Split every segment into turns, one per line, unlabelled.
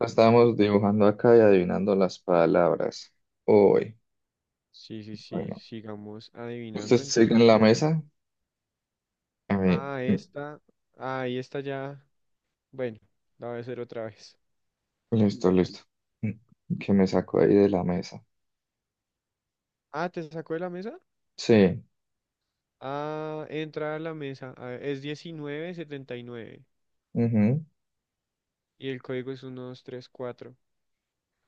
Estábamos dibujando acá y adivinando las palabras. Uy,
Sí, sí, sí,
bueno,
sigamos
usted
adivinando.
sigue en
Entonces,
la
bueno,
mesa. A mí,
ah,
mm,
esta, ahí esta ya, bueno, la voy a hacer otra vez.
listo, listo. Mm, Que me sacó ahí de la mesa.
Ah, ¿te sacó de la mesa?
Sí,
Ah, entra a la mesa. A ver, es 1979 y nueve
ujú,
y el código es uno dos tres cuatro.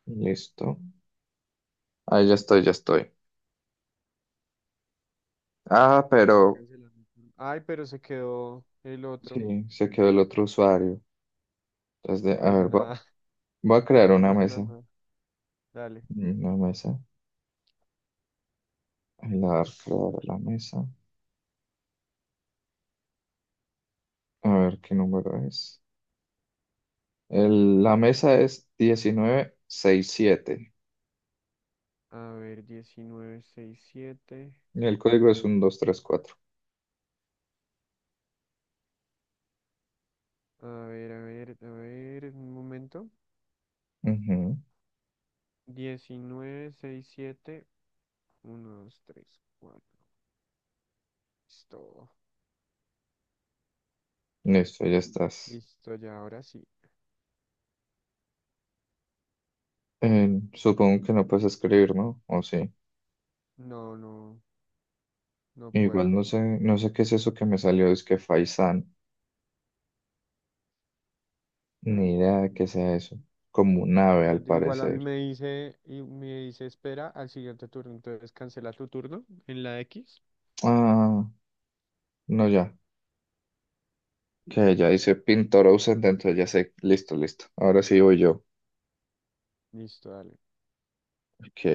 listo. Ahí ya estoy, ya estoy. Ah,
Voy a
pero
cancelar. mi turno. Ay, pero se quedó el otro.
sí, se quedó el otro usuario. Entonces, a
Pues
ver, voy,
nada,
voy a crear una
hagamos una
mesa.
nueva. Dale.
Una mesa. Ahí la voy a crear la mesa. A ver qué número es. La mesa es 1967.
A ver, 1967.
Y el código es 1234.
A ver, a ver, a ver, un momento.
Ujú.
Diecinueve sesenta y siete. Uno, dos, tres, cuatro. Listo.
Listo, ya estás.
Listo, ya ahora sí.
Supongo que no puedes escribir, ¿no? O sí.
No, no, no
Igual
puedo.
no sé, no sé qué es eso que me salió, es que Faisán. Ni
¿Mm?
idea de qué sea eso. Como un ave, al
Igual a mí
parecer.
me dice, y me dice espera al siguiente turno. Entonces cancela tu turno en la X.
Ah, no, ya. Que ya dice pintor ausente, entonces ya sé. Listo, listo. Ahora sí voy yo.
Listo, dale.
Ok.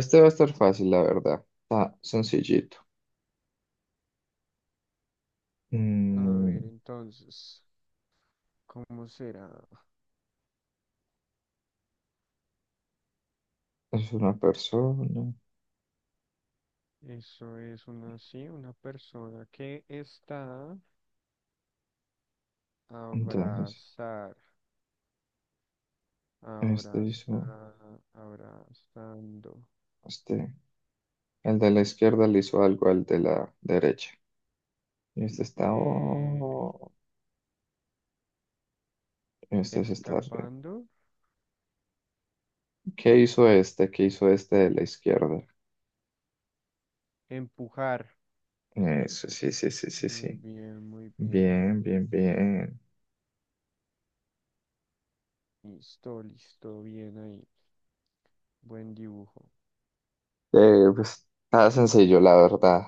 Este va a estar fácil, la verdad. Está sencillito.
A
Mm,
ver, entonces, ¿cómo será?
es una persona.
Eso es una, sí, una persona que está
Entonces,
abrazar,
este hizo.
abrazar, abrazando,
Este. El de la izquierda le hizo algo al de la derecha. Y este está,
eh,
oh, este se está riendo.
escapando,
¿Qué hizo este? ¿Qué hizo este de la izquierda?
empujar.
Eso, sí, sí, sí, sí,
Muy
sí.
bien, muy bien.
Bien, bien, bien.
Listo, listo, bien ahí. Buen dibujo.
Pues nada sencillo, la verdad.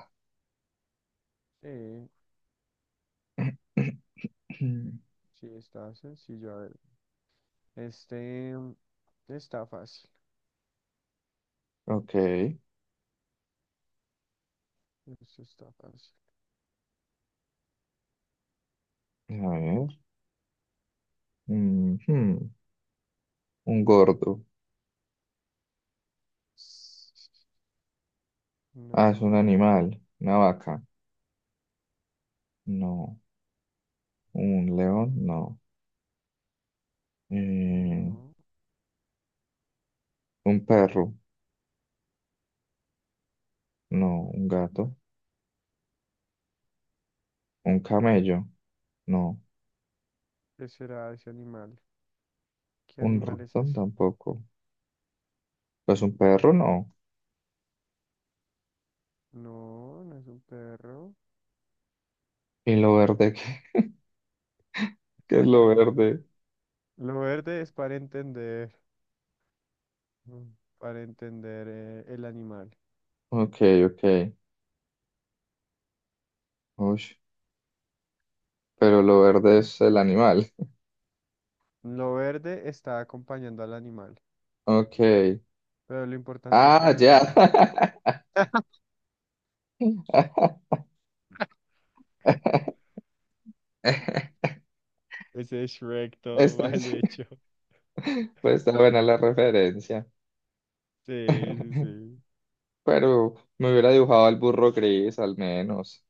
Sí, sí, está sencillo. A ver, este está fácil.
Ok, a
Esto está fácil.
ver. Ujú. Un gordo. Ah, es un
No,
animal. Una vaca. No. Un león. No. Eh,
no.
un perro. No. Un gato. Un camello, no.
¿Qué será ese animal? ¿Qué
Un
animal es
ratón
ese?
tampoco. Pues un perro, no.
No, no es un perro.
¿Y lo verde? ¿Qué, qué es lo verde?
Lo verde es para entender, mm, para entender el animal.
Ok, ok. Ush, pero lo verde es el animal.
Lo verde está acompañando al animal,
Ok.
pero lo importante es
Ah,
el
ya.
animal. Ese es Shrek todo
Esta
mal
es-
hecho.
pues está buena la referencia.
Sí, sí, sí.
Pero me hubiera dibujado al burro gris, al menos.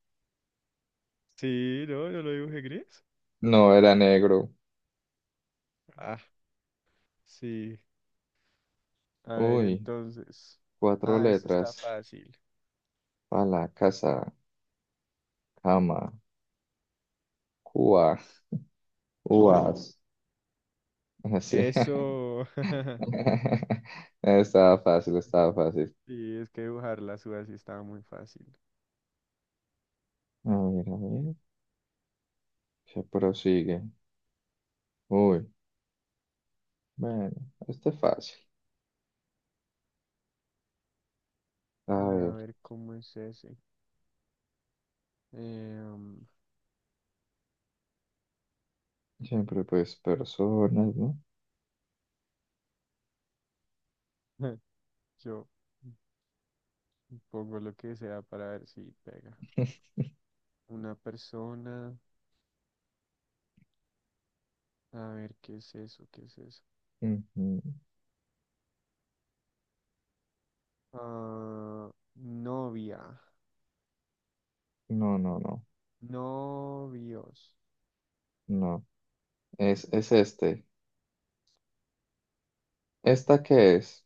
Sí, no, yo lo dibujé gris.
No era negro.
Ah, sí. A ver,
Uy,
entonces.
cuatro
Ah, este está
letras.
fácil.
A la casa, cama, cua. Uvas. Sí.
Eso.
Estaba fácil, estaba fácil.
Sí, es que dibujar las uvas sí estaba muy fácil.
A ver, a ver. Se prosigue. Uy, bueno, este es fácil. A
A
ver,
ver, ¿cómo es ese? Eh, um,
siempre pues personas, ¿no?
yo pongo lo que sea para ver si pega. Una persona. A ver, ¿qué es eso? ¿Qué es eso?
Ujú.
Ah, novia.
No, no, no,
Novios.
no. Es este. ¿Esta qué es?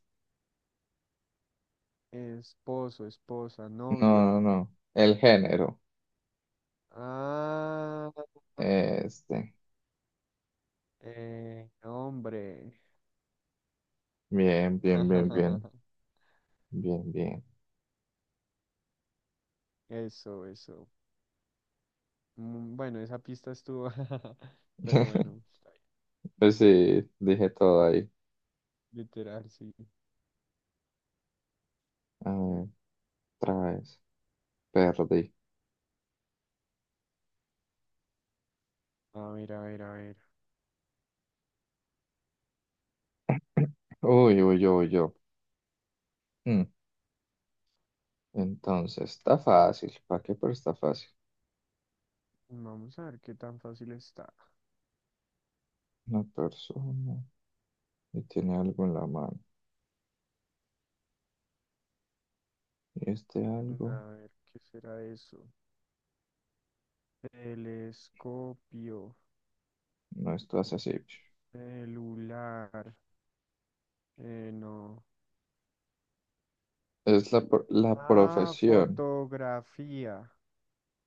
Esposo, esposa,
No,
novio.
no, no. El género.
Ah,
Este.
hombre.
Bien, bien, bien, bien. Bien, bien.
Eso, eso. Mm, bueno, esa pista estuvo. Pero bueno, está bien.
Pues sí, dije todo ahí.
Literal, sí.
A ver, otra vez. Perdí.
A ver, a ver, a ver.
Uy, uy, yo, uy, yo. Mm, Entonces, está fácil. ¿Para qué? Pero está fácil.
Vamos a ver qué tan fácil está.
Una persona y tiene algo en la mano. Y este algo
A ver, ¿qué será eso? Telescopio,
no es hace así.
celular. No.
Es la
Ah,
profesión.
fotografía.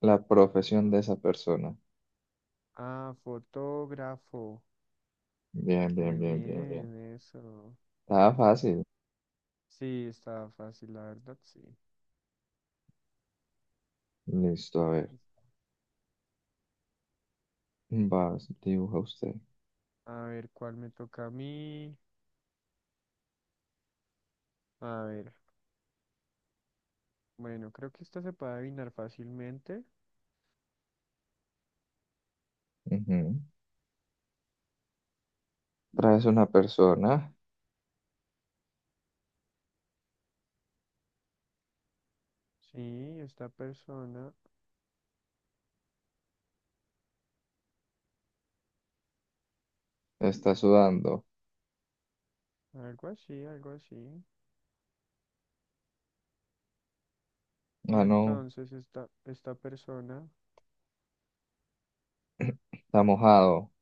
La profesión
No.
de esa persona.
Ah, fotógrafo.
Bien, bien,
Muy
bien, bien, bien.
bien, eso.
Está fácil.
Sí, está fácil, la verdad, sí.
Listo, a ver. Vas, dibuja usted.
A ver, ¿cuál me toca a mí? A ver, bueno, creo que esta se puede adivinar fácilmente.
Ujú. Traes una persona.
Sí, esta persona,
Está sudando.
algo así, algo así. Y
Ah, no.
entonces esta persona,
Está mojado.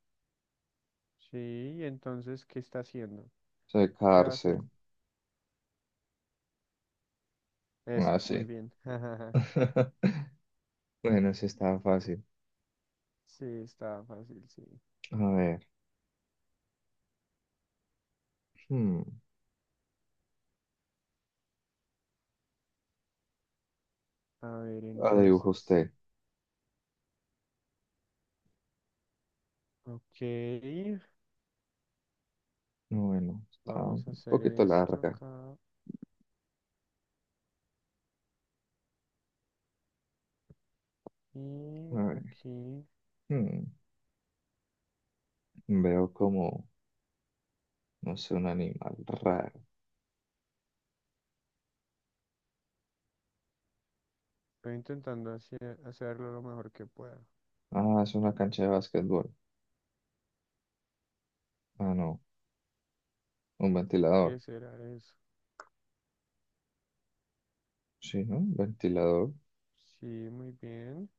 sí, y entonces, ¿qué está haciendo? ¿Qué va a
Secarse.
hacer? Eso, muy
Así.
bien.
Bueno, sí está fácil.
Sí, está fácil, sí.
A ver. Hmm.
A ver,
La dibuja
entonces,
usted.
ok.
No, bueno, está un
Vamos a hacer
poquito
esto
larga.
acá
A
y
ver.
aquí.
hmm, Veo como, no sé, un animal raro.
Estoy intentando hacerlo lo mejor que pueda.
Ah, es una cancha de básquetbol. Ah, no. Un ventilador.
¿Qué será eso?
Sí, ¿no? Un ventilador.
Sí, muy bien.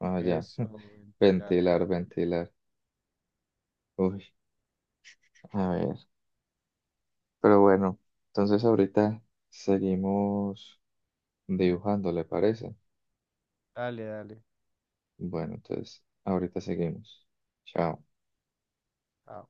Ah, ya.
Eso, ventilar.
Ventilar, ventilar. Uy, a ver. Pero bueno, entonces ahorita seguimos dibujando, ¿le parece?
Dale, dale.
Bueno, entonces ahorita seguimos. Chao.
Ah,